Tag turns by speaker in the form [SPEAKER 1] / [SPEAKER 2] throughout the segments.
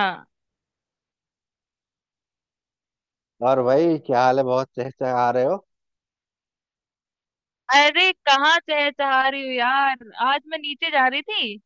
[SPEAKER 1] हाँ।
[SPEAKER 2] और भाई, क्या हाल है? बहुत चहचहा आ रहे हो।
[SPEAKER 1] अरे कहाँ चहचहा रही हूँ यार। आज मैं नीचे जा रही थी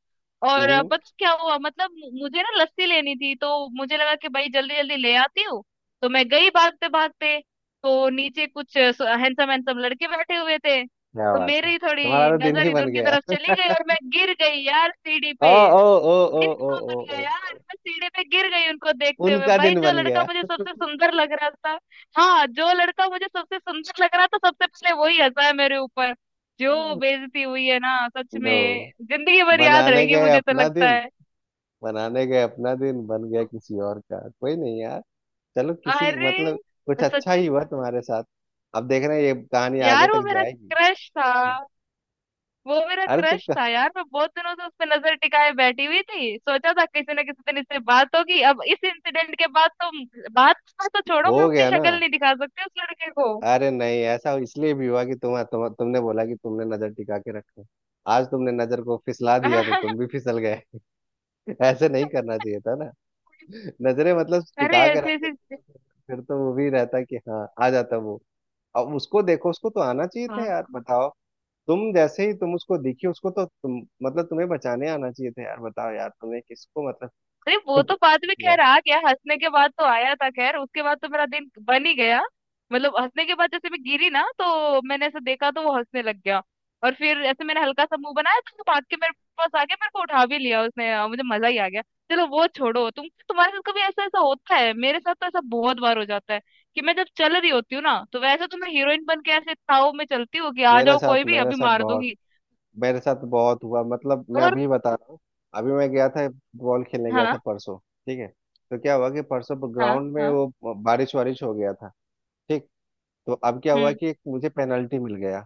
[SPEAKER 1] और
[SPEAKER 2] हम्म।
[SPEAKER 1] पता है क्या हुआ? मतलब मुझे ना लस्सी लेनी थी, तो मुझे लगा कि भाई जल्दी जल्दी ले आती हूँ। तो मैं गई भागते भागते। तो नीचे कुछ हैंडसम हैंडसम लड़के बैठे हुए थे,
[SPEAKER 2] क्या
[SPEAKER 1] तो
[SPEAKER 2] बात है,
[SPEAKER 1] मेरी
[SPEAKER 2] तुम्हारा
[SPEAKER 1] थोड़ी
[SPEAKER 2] तो दिन
[SPEAKER 1] नजर
[SPEAKER 2] ही
[SPEAKER 1] इधर
[SPEAKER 2] बन
[SPEAKER 1] उनकी
[SPEAKER 2] गया।
[SPEAKER 1] तरफ चली गई और मैं गिर गई यार सीढ़ी पे।
[SPEAKER 2] ओ ओ ओ ओ
[SPEAKER 1] दिन
[SPEAKER 2] ओ
[SPEAKER 1] कहाँ
[SPEAKER 2] ओ
[SPEAKER 1] बन गया
[SPEAKER 2] ओ
[SPEAKER 1] यार,
[SPEAKER 2] ओ।
[SPEAKER 1] मैं सीढ़ी पे गिर गई उनको देखते हुए।
[SPEAKER 2] उनका
[SPEAKER 1] भाई
[SPEAKER 2] दिन
[SPEAKER 1] जो
[SPEAKER 2] बन
[SPEAKER 1] लड़का
[SPEAKER 2] गया।
[SPEAKER 1] मुझे सबसे सुंदर लग रहा था, हाँ जो लड़का मुझे सबसे सुंदर लग रहा था सबसे पहले वही हंसा है मेरे ऊपर। जो बेइज्जती हुई है ना, सच
[SPEAKER 2] लो,
[SPEAKER 1] में जिंदगी भर याद
[SPEAKER 2] बनाने
[SPEAKER 1] रहेगी
[SPEAKER 2] गए
[SPEAKER 1] मुझे तो
[SPEAKER 2] अपना
[SPEAKER 1] लगता
[SPEAKER 2] दिन
[SPEAKER 1] है।
[SPEAKER 2] बनाने गए अपना दिन, बन गया किसी और का, कोई नहीं यार। चलो, किसी
[SPEAKER 1] अरे,
[SPEAKER 2] मतलब कुछ अच्छा
[SPEAKER 1] सच।
[SPEAKER 2] ही हुआ तुम्हारे साथ। अब देख रहे हैं ये कहानी आगे
[SPEAKER 1] यार वो
[SPEAKER 2] तक
[SPEAKER 1] मेरा
[SPEAKER 2] जाएगी।
[SPEAKER 1] क्रश था। वो मेरा
[SPEAKER 2] अरे तो
[SPEAKER 1] क्रश
[SPEAKER 2] क-
[SPEAKER 1] था यार, मैं बहुत दिनों से उस पर नजर टिकाए बैठी हुई थी। सोचा था किसी ना किसी दिन इससे बात होगी, अब इस इंसिडेंट के बाद तो बात तो छोड़ो,
[SPEAKER 2] हो
[SPEAKER 1] मैं अपनी
[SPEAKER 2] गया ना?
[SPEAKER 1] शक्ल नहीं दिखा सकती उस लड़के को।
[SPEAKER 2] अरे नहीं, ऐसा इसलिए भी हुआ कि तुमने बोला कि तुमने नजर टिका के रखो। आज तुमने नजर को फिसला दिया तो तुम भी फिसल गए। ऐसे नहीं करना चाहिए था ना। नजरे मतलब
[SPEAKER 1] अरे
[SPEAKER 2] टिका के
[SPEAKER 1] ऐसी
[SPEAKER 2] रखते,
[SPEAKER 1] ऐसी।
[SPEAKER 2] फिर तो वो भी रहता कि हाँ, आ जाता वो। अब उसको देखो, उसको तो आना चाहिए था
[SPEAKER 1] हाँ।
[SPEAKER 2] यार, बताओ। तुम जैसे ही तुम उसको दिखी, उसको तो तुम, मतलब तुम्हें बचाने आना चाहिए था यार, बताओ यार। तुमने किसको मतलब।
[SPEAKER 1] अरे वो तो बाद में
[SPEAKER 2] किया।
[SPEAKER 1] खैर आ गया, हंसने के बाद तो आया था खैर, उसके बाद तो मेरा दिन बन ही गया। मतलब हंसने के बाद जैसे मैं गिरी ना तो मैंने ऐसे देखा तो वो हंसने लग गया। और फिर ऐसे मैंने हल्का सा मुंह बनाया तो भाग के मेरे पास आ गया, मेरे को उठा भी लिया उसने। मुझे मजा ही आ गया। चलो वो छोड़ो, तुम तुम्हारे साथ कभी ऐसा ऐसा होता है? मेरे साथ तो ऐसा बहुत बार हो जाता है कि मैं जब चल रही होती हूँ ना, तो वैसे तो मैं हीरोइन बन के ऐसे ताव में चलती हूँ कि आ
[SPEAKER 2] मेरे
[SPEAKER 1] जाओ
[SPEAKER 2] साथ
[SPEAKER 1] कोई भी
[SPEAKER 2] मेरे
[SPEAKER 1] अभी
[SPEAKER 2] साथ
[SPEAKER 1] मार
[SPEAKER 2] बहुत
[SPEAKER 1] दूंगी।
[SPEAKER 2] मेरे साथ बहुत हुआ, मतलब मैं
[SPEAKER 1] और
[SPEAKER 2] अभी बता रहा हूँ। अभी मैं गया था फुटबॉल खेलने, गया था
[SPEAKER 1] हाँ
[SPEAKER 2] परसों। ठीक है। तो क्या हुआ कि परसों
[SPEAKER 1] हाँ
[SPEAKER 2] ग्राउंड में
[SPEAKER 1] हाँ।
[SPEAKER 2] वो बारिश वारिश हो गया था। ठीक। तो अब क्या हुआ
[SPEAKER 1] हम्म।
[SPEAKER 2] कि एक मुझे पेनल्टी मिल गया।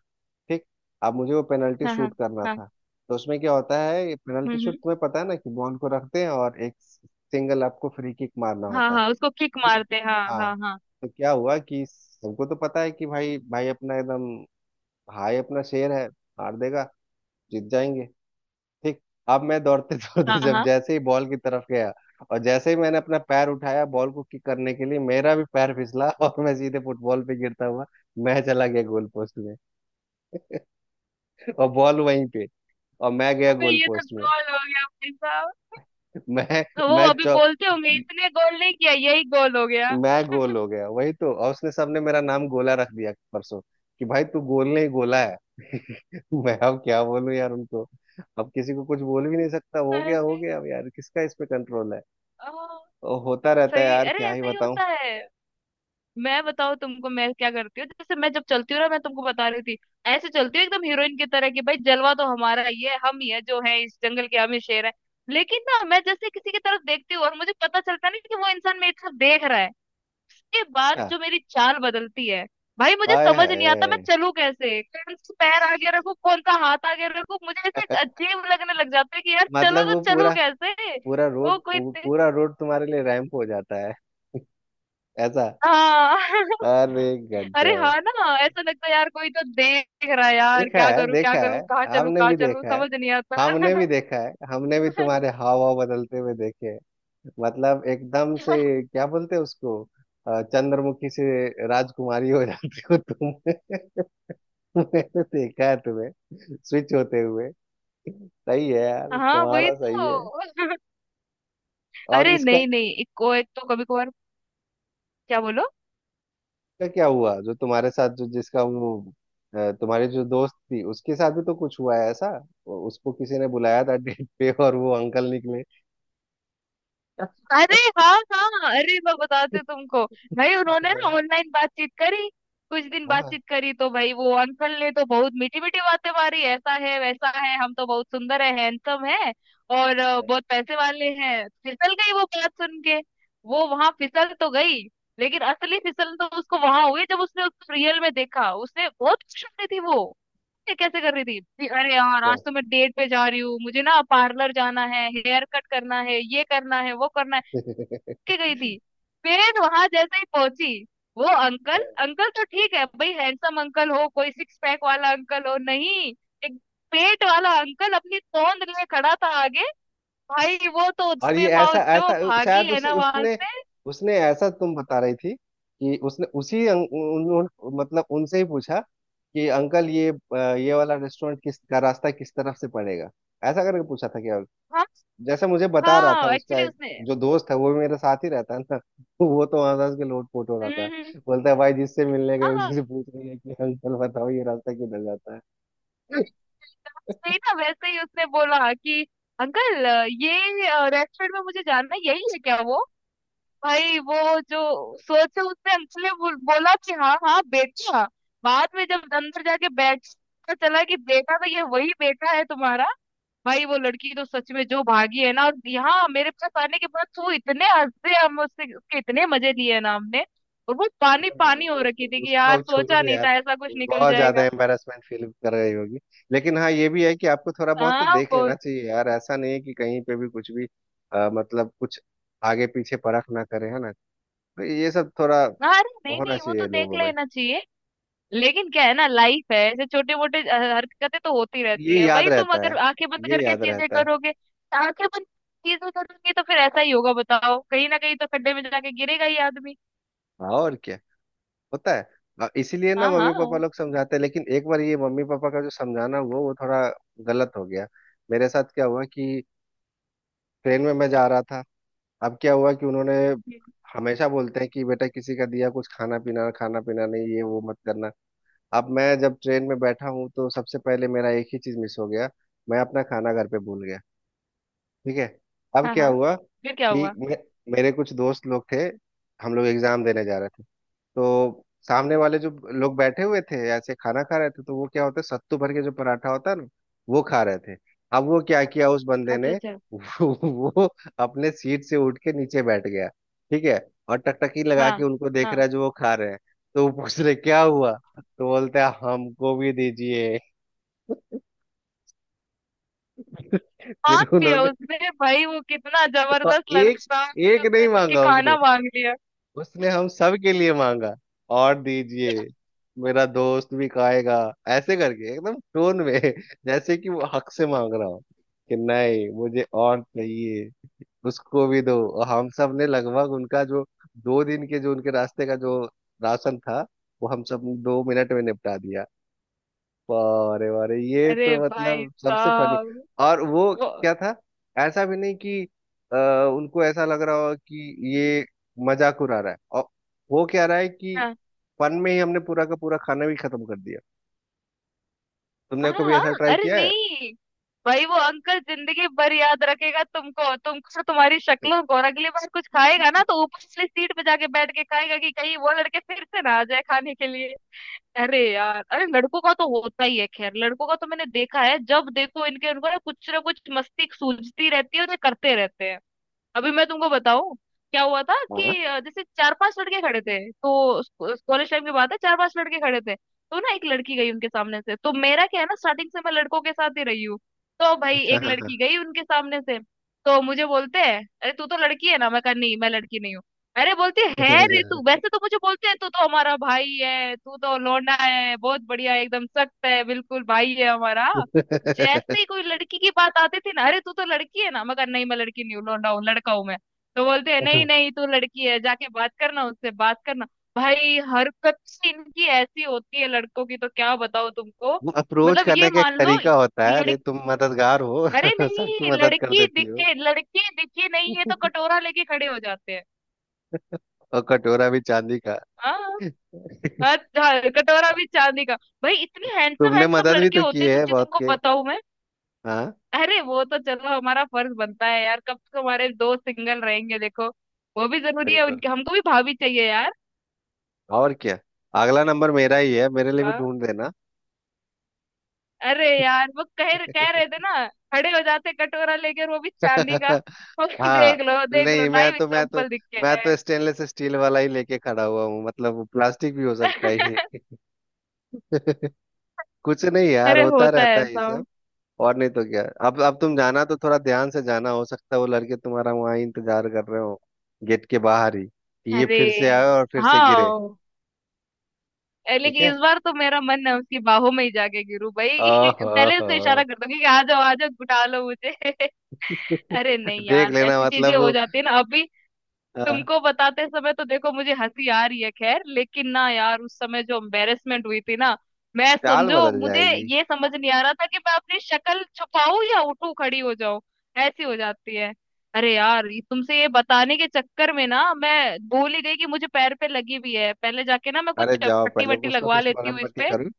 [SPEAKER 2] ठीक। अब मुझे वो पेनल्टी
[SPEAKER 1] हाँ हाँ
[SPEAKER 2] शूट करना
[SPEAKER 1] हाँ।
[SPEAKER 2] था। तो उसमें क्या होता है,
[SPEAKER 1] हम्म
[SPEAKER 2] पेनल्टी शूट
[SPEAKER 1] हम्म।
[SPEAKER 2] तुम्हें पता है ना, कि बॉल को रखते हैं और एक सिंगल आपको फ्री किक मारना
[SPEAKER 1] हाँ
[SPEAKER 2] होता है।
[SPEAKER 1] हाँ उसको किक
[SPEAKER 2] ठीक है।
[SPEAKER 1] मारते हैं हाँ
[SPEAKER 2] हाँ।
[SPEAKER 1] हाँ हाँ।
[SPEAKER 2] तो क्या हुआ कि सबको तो पता है कि भाई, भाई अपना एकदम भाई अपना शेर है, मार देगा, जीत जाएंगे। ठीक। अब मैं दौड़ते दौड़ते,
[SPEAKER 1] हाँ
[SPEAKER 2] जब
[SPEAKER 1] हाँ।
[SPEAKER 2] जैसे ही बॉल की तरफ गया और जैसे ही मैंने अपना पैर उठाया बॉल को किक करने के लिए, मेरा भी पैर फिसला और मैं सीधे फुटबॉल पे गिरता हुआ, मैं चला गया गोल पोस्ट में। और बॉल वहीं पे, और मैं गया
[SPEAKER 1] अबे
[SPEAKER 2] गोल
[SPEAKER 1] ये तो
[SPEAKER 2] पोस्ट में।
[SPEAKER 1] गोल हो गया भाई साहब।
[SPEAKER 2] मैं
[SPEAKER 1] तो वो
[SPEAKER 2] मैं
[SPEAKER 1] अभी
[SPEAKER 2] चौ
[SPEAKER 1] बोलते होंगे इसने गोल नहीं किया, यही गोल हो गया।
[SPEAKER 2] मैं गोल हो गया वही तो। और उसने सबने मेरा नाम गोला रख दिया परसों, कि भाई तू गोल नहीं गोला है। मैं अब क्या बोलूं यार उनको। अब किसी को कुछ बोल भी नहीं सकता,
[SPEAKER 1] अरे
[SPEAKER 2] हो
[SPEAKER 1] भाई।
[SPEAKER 2] गया अब यार, किसका इस पे कंट्रोल है?
[SPEAKER 1] ओ।
[SPEAKER 2] और होता रहता है
[SPEAKER 1] सही,
[SPEAKER 2] यार,
[SPEAKER 1] अरे
[SPEAKER 2] क्या ही
[SPEAKER 1] ऐसा ही
[SPEAKER 2] बताऊं।
[SPEAKER 1] होता है। मैं बताऊँ तुमको मैं क्या करती हूँ? जैसे मैं जब चलती हूँ ना, मैं तुमको बता रही थी, ऐसे चलती हूँ एकदम हीरोइन की तरह कि भाई जलवा तो हमारा ही है, हम ही है जो है इस जंगल के, हम ही शेर है। लेकिन ना मैं जैसे किसी की तरफ देखती हूँ और मुझे पता चलता नहीं कि वो इंसान मेरी तरफ देख रहा है, ये बात
[SPEAKER 2] क्या?
[SPEAKER 1] जो मेरी चाल बदलती है। भाई मुझे
[SPEAKER 2] हाय
[SPEAKER 1] समझ नहीं आता मैं
[SPEAKER 2] हाय।
[SPEAKER 1] चलूं कैसे, कौन सा पैर आगे रखूं, कौन सा हाथ आगे रखूं, मुझे ऐसे अजीब लगने लग जाता है कि यार चलो
[SPEAKER 2] मतलब
[SPEAKER 1] तो
[SPEAKER 2] वो
[SPEAKER 1] चलूं
[SPEAKER 2] पूरा,
[SPEAKER 1] कैसे। वो कोई दे-
[SPEAKER 2] पूरा रोड तुम्हारे लिए रैंप हो जाता है, ऐसा?
[SPEAKER 1] हाँ।
[SPEAKER 2] अरे
[SPEAKER 1] अरे
[SPEAKER 2] गजब।
[SPEAKER 1] हाँ ना, ऐसा लगता है यार कोई तो देख रहा है यार,
[SPEAKER 2] देखा
[SPEAKER 1] क्या
[SPEAKER 2] है,
[SPEAKER 1] करूं क्या
[SPEAKER 2] देखा है।
[SPEAKER 1] करूं,
[SPEAKER 2] हमने
[SPEAKER 1] कहाँ
[SPEAKER 2] भी
[SPEAKER 1] चलूं
[SPEAKER 2] देखा है,
[SPEAKER 1] समझ नहीं आता।
[SPEAKER 2] हमने भी देखा है, हमने भी तुम्हारे हाव भाव बदलते हुए देखे हैं। मतलब एकदम से क्या बोलते हैं उसको, चंद्रमुखी से राजकुमारी हो जाती हो तुम। मैंने देखा है तुम्हें स्विच होते हुए। सही है यार,
[SPEAKER 1] हाँ वही
[SPEAKER 2] तुम्हारा सही
[SPEAKER 1] तो।
[SPEAKER 2] है। और
[SPEAKER 1] अरे
[SPEAKER 2] इसका
[SPEAKER 1] नहीं नहीं, एक को एक तो कभी कभार। क्या बोलो?
[SPEAKER 2] का क्या हुआ, जो तुम्हारे साथ जो जिसका वो, तुम्हारी जो दोस्त थी उसके साथ भी तो कुछ हुआ है ऐसा। उसको किसी ने बुलाया था डेट पे और वो अंकल निकले।
[SPEAKER 1] अरे हाँ हाँ, अरे मैं बताती
[SPEAKER 2] हाँ
[SPEAKER 1] हूँ तुमको। भाई उन्होंने ना ऑनलाइन बातचीत करी, कुछ दिन
[SPEAKER 2] हाँ,
[SPEAKER 1] बातचीत करी, तो भाई वो अंकल ने तो बहुत मीठी मीठी बातें मारी, ऐसा है वैसा है, हम तो बहुत सुंदर है हैंडसम है और बहुत पैसे वाले हैं, फिसल गई वो बात सुन के। वो वहां फिसल तो गई लेकिन असली फिसल तो उसको वहां हुई जब उसने उसको रियल में देखा। उसने बहुत खुश हो रही थी वो, ये कैसे कर रही थी कि अरे यार आज
[SPEAKER 2] क्या।
[SPEAKER 1] तो मैं डेट पे जा रही हूँ, मुझे ना पार्लर जाना है, हेयर कट करना है, ये करना है वो करना है, के गई थी। फिर वहां जैसे ही पहुंची, वो अंकल, अंकल तो ठीक है भाई, हैंडसम अंकल हो, कोई सिक्स पैक वाला अंकल हो, नहीं। एक पेट वाला अंकल अपनी तोंद लिए खड़ा था आगे। भाई वो तो
[SPEAKER 2] और
[SPEAKER 1] दबे
[SPEAKER 2] ये
[SPEAKER 1] पाँव
[SPEAKER 2] ऐसा
[SPEAKER 1] जो
[SPEAKER 2] ऐसा,
[SPEAKER 1] भागी
[SPEAKER 2] शायद
[SPEAKER 1] है
[SPEAKER 2] उसी
[SPEAKER 1] ना वहां
[SPEAKER 2] उसने
[SPEAKER 1] से।
[SPEAKER 2] उसने ऐसा तुम बता रही थी, कि उसने उसी अं- उन, उन, मतलब उनसे ही पूछा कि अंकल ये, ये वाला रेस्टोरेंट किस का रास्ता किस तरफ से पड़ेगा, ऐसा करके पूछा था क्या?
[SPEAKER 1] हम।
[SPEAKER 2] जैसे मुझे बता रहा था
[SPEAKER 1] हाँ
[SPEAKER 2] उसका
[SPEAKER 1] एक्चुअली
[SPEAKER 2] एक,
[SPEAKER 1] उसने।
[SPEAKER 2] जो दोस्त है वो भी मेरे साथ ही रहता है ना, वो तो हंस हंस के लोटपोट हो रहा था।
[SPEAKER 1] हम्म।
[SPEAKER 2] बोलता है भाई जिससे मिलने गए
[SPEAKER 1] हाँ हाँ
[SPEAKER 2] उसी से पूछ रही है कि अंकल बताओ ये रास्ता किधर जाता है।
[SPEAKER 1] सही ना, वैसे ही उसने बोला कि अंकल ये रेस्टोरेंट में मुझे जानना है, यही है क्या वो? भाई वो जो सोचा उसने, अंशु ने बोला कि हाँ हाँ बेटा। बाद में जब अंदर जाके बैठ पता चला कि बेटा तो ये वही बेटा है तुम्हारा। भाई वो लड़की तो सच में जो भागी है ना, और यहाँ मेरे पास आने के बाद वो इतने हंसे हम उससे, उसके इतने मजे लिए हैं ना हमने। और वो पानी
[SPEAKER 2] मैं-
[SPEAKER 1] पानी हो
[SPEAKER 2] उसको
[SPEAKER 1] रखी थी कि
[SPEAKER 2] उसको
[SPEAKER 1] यार
[SPEAKER 2] अब छोड़
[SPEAKER 1] सोचा
[SPEAKER 2] दो
[SPEAKER 1] नहीं
[SPEAKER 2] यार,
[SPEAKER 1] था ऐसा कुछ निकल
[SPEAKER 2] बहुत ज्यादा
[SPEAKER 1] जाएगा।
[SPEAKER 2] एम्बेरसमेंट फील कर रही होगी। लेकिन हाँ, ये भी है कि आपको थोड़ा बहुत तो
[SPEAKER 1] हाँ
[SPEAKER 2] देख
[SPEAKER 1] वो।
[SPEAKER 2] लेना चाहिए यार, ऐसा नहीं है कि कहीं पे भी कुछ भी, मतलब कुछ आगे पीछे परख ना करे, है ना? तो ये सब थोड़ा
[SPEAKER 1] हाँ अरे नहीं
[SPEAKER 2] होना
[SPEAKER 1] नहीं, वो तो
[SPEAKER 2] चाहिए
[SPEAKER 1] देख
[SPEAKER 2] लोगों में।
[SPEAKER 1] लेना चाहिए। लेकिन क्या है ना, लाइफ है, ऐसे छोटे मोटे हरकतें तो होती रहती
[SPEAKER 2] ये
[SPEAKER 1] है।
[SPEAKER 2] याद
[SPEAKER 1] भाई तुम
[SPEAKER 2] रहता
[SPEAKER 1] अगर
[SPEAKER 2] है,
[SPEAKER 1] आंखें बंद
[SPEAKER 2] ये
[SPEAKER 1] करके
[SPEAKER 2] याद
[SPEAKER 1] चीजें
[SPEAKER 2] रहता है।
[SPEAKER 1] करोगे, आंखें बंद चीजें करोगे तो फिर ऐसा ही होगा, बताओ कहीं ना कहीं तो खड्डे में जाके गिरेगा ही आदमी।
[SPEAKER 2] हाँ और क्या होता है। इसीलिए ना
[SPEAKER 1] हाँ हाँ
[SPEAKER 2] मम्मी पापा लोग समझाते हैं। लेकिन एक बार ये मम्मी पापा का जो समझाना हुआ वो थोड़ा गलत हो गया। मेरे साथ क्या हुआ कि ट्रेन में मैं जा रहा था। अब क्या हुआ कि उन्होंने हमेशा बोलते हैं कि बेटा किसी का दिया कुछ खाना पीना, खाना पीना नहीं, ये वो मत करना। अब मैं जब ट्रेन में बैठा हूँ तो सबसे पहले मेरा एक ही चीज मिस हो गया, मैं अपना खाना घर पे भूल गया। ठीक है। अब
[SPEAKER 1] हाँ
[SPEAKER 2] क्या
[SPEAKER 1] हाँ,
[SPEAKER 2] हुआ
[SPEAKER 1] फिर क्या
[SPEAKER 2] कि
[SPEAKER 1] हुआ?
[SPEAKER 2] मेरे कुछ दोस्त लोग थे, हम लोग एग्जाम देने जा रहे थे। तो सामने वाले जो लोग बैठे हुए थे ऐसे खाना खा रहे थे, तो वो क्या होता है सत्तू भर के जो पराठा होता है ना, वो खा रहे थे। अब वो क्या किया उस बंदे
[SPEAKER 1] अच्छा
[SPEAKER 2] ने,
[SPEAKER 1] अच्छा।
[SPEAKER 2] वो अपने सीट से उठ के नीचे बैठ गया। ठीक है। और टकटकी लगा के
[SPEAKER 1] हाँ
[SPEAKER 2] उनको देख
[SPEAKER 1] हाँ।
[SPEAKER 2] रहा है जो वो खा रहे हैं। तो वो पूछ रहे क्या हुआ, तो बोलते हैं हमको भी दीजिए। फिर
[SPEAKER 1] मांग लिया
[SPEAKER 2] उन्होंने,
[SPEAKER 1] उसने, भाई वो कितना
[SPEAKER 2] और
[SPEAKER 1] जबरदस्त
[SPEAKER 2] एक
[SPEAKER 1] लड़का था,
[SPEAKER 2] एक
[SPEAKER 1] उसने
[SPEAKER 2] नहीं
[SPEAKER 1] उसके
[SPEAKER 2] मांगा उसने,
[SPEAKER 1] खाना मांग लिया।
[SPEAKER 2] उसने हम सब के लिए मांगा। और दीजिए मेरा दोस्त भी खाएगा, ऐसे करके एकदम टोन में जैसे कि वो हक से मांग रहा हो कि नहीं, मुझे और चाहिए, उसको भी दो। और हम सब ने लगभग उनका जो 2 दिन के जो उनके रास्ते का जो राशन था, वो हम सब 2 मिनट में निपटा दिया। अरे अरे, ये
[SPEAKER 1] अरे
[SPEAKER 2] तो
[SPEAKER 1] भाई
[SPEAKER 2] मतलब सबसे फनी।
[SPEAKER 1] साहब।
[SPEAKER 2] और वो
[SPEAKER 1] वो
[SPEAKER 2] क्या था, ऐसा भी नहीं कि अ, उनको ऐसा लग रहा हो कि ये मजाक उड़ा रहा है। और वो क्या रहा है कि
[SPEAKER 1] हाँ।
[SPEAKER 2] फन में ही हमने पूरा का पूरा खाना भी खत्म कर दिया। तुमने
[SPEAKER 1] हाँ
[SPEAKER 2] कभी
[SPEAKER 1] हाँ।
[SPEAKER 2] ऐसा ट्राई
[SPEAKER 1] अरे
[SPEAKER 2] किया है?
[SPEAKER 1] नहीं। भाई वो अंकल जिंदगी भर याद रखेगा तुमको तुमको और तुम्हारी शक्लों को, और अगली बार कुछ खाएगा ना तो ऊपर वाली सीट पे जाके बैठ के खाएगा कि कहीं वो लड़के फिर से ना आ जाए खाने के लिए। अरे यार अरे, लड़कों का तो होता ही है खैर, लड़कों का तो मैंने देखा है जब देखो इनके उनको ना कुछ मस्ती सूझती रहती है और ये करते रहते हैं। अभी मैं तुमको बताऊं, क्या हुआ था कि
[SPEAKER 2] हाँ
[SPEAKER 1] जैसे 4-5 लड़के खड़े थे, तो कॉलेज टाइम की बात है, 4-5 लड़के खड़े थे तो ना एक लड़की गई उनके सामने से, तो मेरा क्या है ना स्टार्टिंग से मैं लड़कों के साथ ही रही हूँ। तो भाई
[SPEAKER 2] अच्छा,
[SPEAKER 1] एक
[SPEAKER 2] हाँ हाँ।
[SPEAKER 1] लड़की गई उनके सामने से, तो मुझे बोलते हैं अरे तू तो लड़की है ना। मैं कहा नहीं मैं लड़की नहीं हूँ। अरे बोलती "है रे तू, वैसे तो मुझे बोलते हैं तू तो हमारा भाई है, तू तो लौंडा है, बहुत बढ़िया है, एकदम सख्त है, बिल्कुल भाई है हमारा, जैसे ही कोई लड़की की बात आती थी ना, अरे तू तो लड़की है ना। मैं कहा नहीं मैं लड़की नहीं हूँ, लौंडा हूँ लड़का हूँ मैं। तो बोलते हैं नहीं नहीं तू लड़की है, जाके बात करना उससे बात करना। भाई हरकत ही इनकी ऐसी होती है लड़कों की, तो क्या बताओ तुमको।
[SPEAKER 2] वो अप्रोच
[SPEAKER 1] मतलब ये
[SPEAKER 2] करने का एक
[SPEAKER 1] मान लो
[SPEAKER 2] तरीका होता है। अरे
[SPEAKER 1] लड़की,
[SPEAKER 2] तुम मददगार हो,
[SPEAKER 1] अरे
[SPEAKER 2] सबकी
[SPEAKER 1] नहीं
[SPEAKER 2] मदद कर
[SPEAKER 1] लड़की
[SPEAKER 2] देती हो।
[SPEAKER 1] दिखे, लड़की दिखी नहीं है तो कटोरा लेके खड़े हो जाते हैं।
[SPEAKER 2] और कटोरा भी चांदी का।
[SPEAKER 1] हाँ हाँ, हाँ, कटोरा भी चांदी का। भाई इतने हैंडसम
[SPEAKER 2] तुमने
[SPEAKER 1] हैंडसम
[SPEAKER 2] मदद भी
[SPEAKER 1] लड़के
[SPEAKER 2] तो की
[SPEAKER 1] होते हैं,
[SPEAKER 2] है
[SPEAKER 1] सच्ची
[SPEAKER 2] बहुत,
[SPEAKER 1] तुमको बताऊं मैं।
[SPEAKER 2] हाँ
[SPEAKER 1] अरे वो तो चलो हमारा फर्ज बनता है यार, कब तक हमारे दोस्त सिंगल रहेंगे, देखो वो भी जरूरी है,
[SPEAKER 2] बिल्कुल,
[SPEAKER 1] उनके हमको भी भाभी चाहिए यार।
[SPEAKER 2] और क्या। अगला नंबर मेरा ही है, मेरे लिए भी
[SPEAKER 1] हाँ,
[SPEAKER 2] ढूंढ देना।
[SPEAKER 1] अरे यार वो कह कह रहे थे ना, खड़े हो जाते कटोरा लेकर वो भी चांदी का। और
[SPEAKER 2] हाँ।
[SPEAKER 1] देख लो
[SPEAKER 2] नहीं,
[SPEAKER 1] लाइव एग्जांपल दिख
[SPEAKER 2] मैं
[SPEAKER 1] गया है।
[SPEAKER 2] तो स्टेनलेस स्टील वाला ही लेके खड़ा हुआ हूँ, मतलब प्लास्टिक भी हो सकता है ये। कुछ नहीं यार,
[SPEAKER 1] अरे
[SPEAKER 2] होता
[SPEAKER 1] होता है
[SPEAKER 2] रहता है ये
[SPEAKER 1] ऐसा।
[SPEAKER 2] सब। और नहीं तो क्या। अब तुम जाना तो थोड़ा ध्यान से जाना, हो सकता है वो लड़के तुम्हारा वहां इंतजार कर रहे हो गेट के बाहर ही, ये
[SPEAKER 1] अरे
[SPEAKER 2] फिर से आए और फिर से गिरे।
[SPEAKER 1] हाँ। ए,
[SPEAKER 2] ठीक है।
[SPEAKER 1] लेकिन इस बार तो मेरा मन है उसकी बाहों में ही जाके गिरू भाई। पहले
[SPEAKER 2] ओहो।
[SPEAKER 1] उसको इशारा कर दूंगी कि आ जाओ गुटा लो मुझे। अरे नहीं
[SPEAKER 2] देख
[SPEAKER 1] यार,
[SPEAKER 2] लेना,
[SPEAKER 1] ऐसी चीजें
[SPEAKER 2] मतलब
[SPEAKER 1] हो
[SPEAKER 2] वो,
[SPEAKER 1] जाती है ना। अभी
[SPEAKER 2] अ,
[SPEAKER 1] तुमको बताते समय तो देखो मुझे हंसी आ रही है खैर, लेकिन ना यार उस समय जो एम्बेरसमेंट हुई थी ना, मैं
[SPEAKER 2] चाल
[SPEAKER 1] समझो
[SPEAKER 2] बदल
[SPEAKER 1] मुझे
[SPEAKER 2] जाएगी।
[SPEAKER 1] ये समझ नहीं आ रहा था कि मैं अपनी शक्ल छुपाऊं या उठूं खड़ी हो जाऊं। ऐसी हो जाती है। अरे यार तुमसे ये बताने के चक्कर में ना मैं भूल ही गई कि मुझे पैर पे लगी भी है, पहले जाके ना मैं
[SPEAKER 2] अरे
[SPEAKER 1] कुछ
[SPEAKER 2] जाओ
[SPEAKER 1] पट्टी
[SPEAKER 2] पहले
[SPEAKER 1] वट्टी
[SPEAKER 2] कुछ ना
[SPEAKER 1] लगवा
[SPEAKER 2] कुछ
[SPEAKER 1] लेती
[SPEAKER 2] मरहम
[SPEAKER 1] हूँ इस
[SPEAKER 2] पट्टी
[SPEAKER 1] पे।
[SPEAKER 2] करूँ।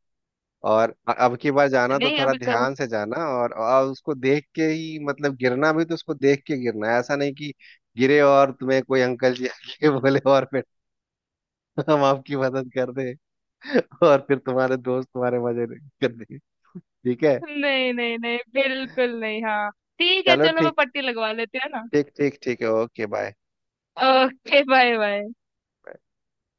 [SPEAKER 2] और अब की बार जाना तो
[SPEAKER 1] नहीं
[SPEAKER 2] थोड़ा
[SPEAKER 1] अभी करूँ।
[SPEAKER 2] ध्यान से जाना, और उसको देख के ही, मतलब गिरना भी तो उसको देख के गिरना है। ऐसा नहीं कि गिरे और तुम्हें कोई अंकल जी आके बोले और फिर, हम आपकी मदद कर दे। और फिर तुम्हारे दोस्त तुम्हारे मजे कर दे। ठीक है,
[SPEAKER 1] नहीं नहीं नहीं, बिल्कुल नहीं। हाँ, ठीक है
[SPEAKER 2] चलो
[SPEAKER 1] चलो मैं
[SPEAKER 2] ठीक,
[SPEAKER 1] पट्टी लगवा लेती हूँ है ना।
[SPEAKER 2] ठीक, ठीक, ठीक है। Okay bye.
[SPEAKER 1] Okay bye bye.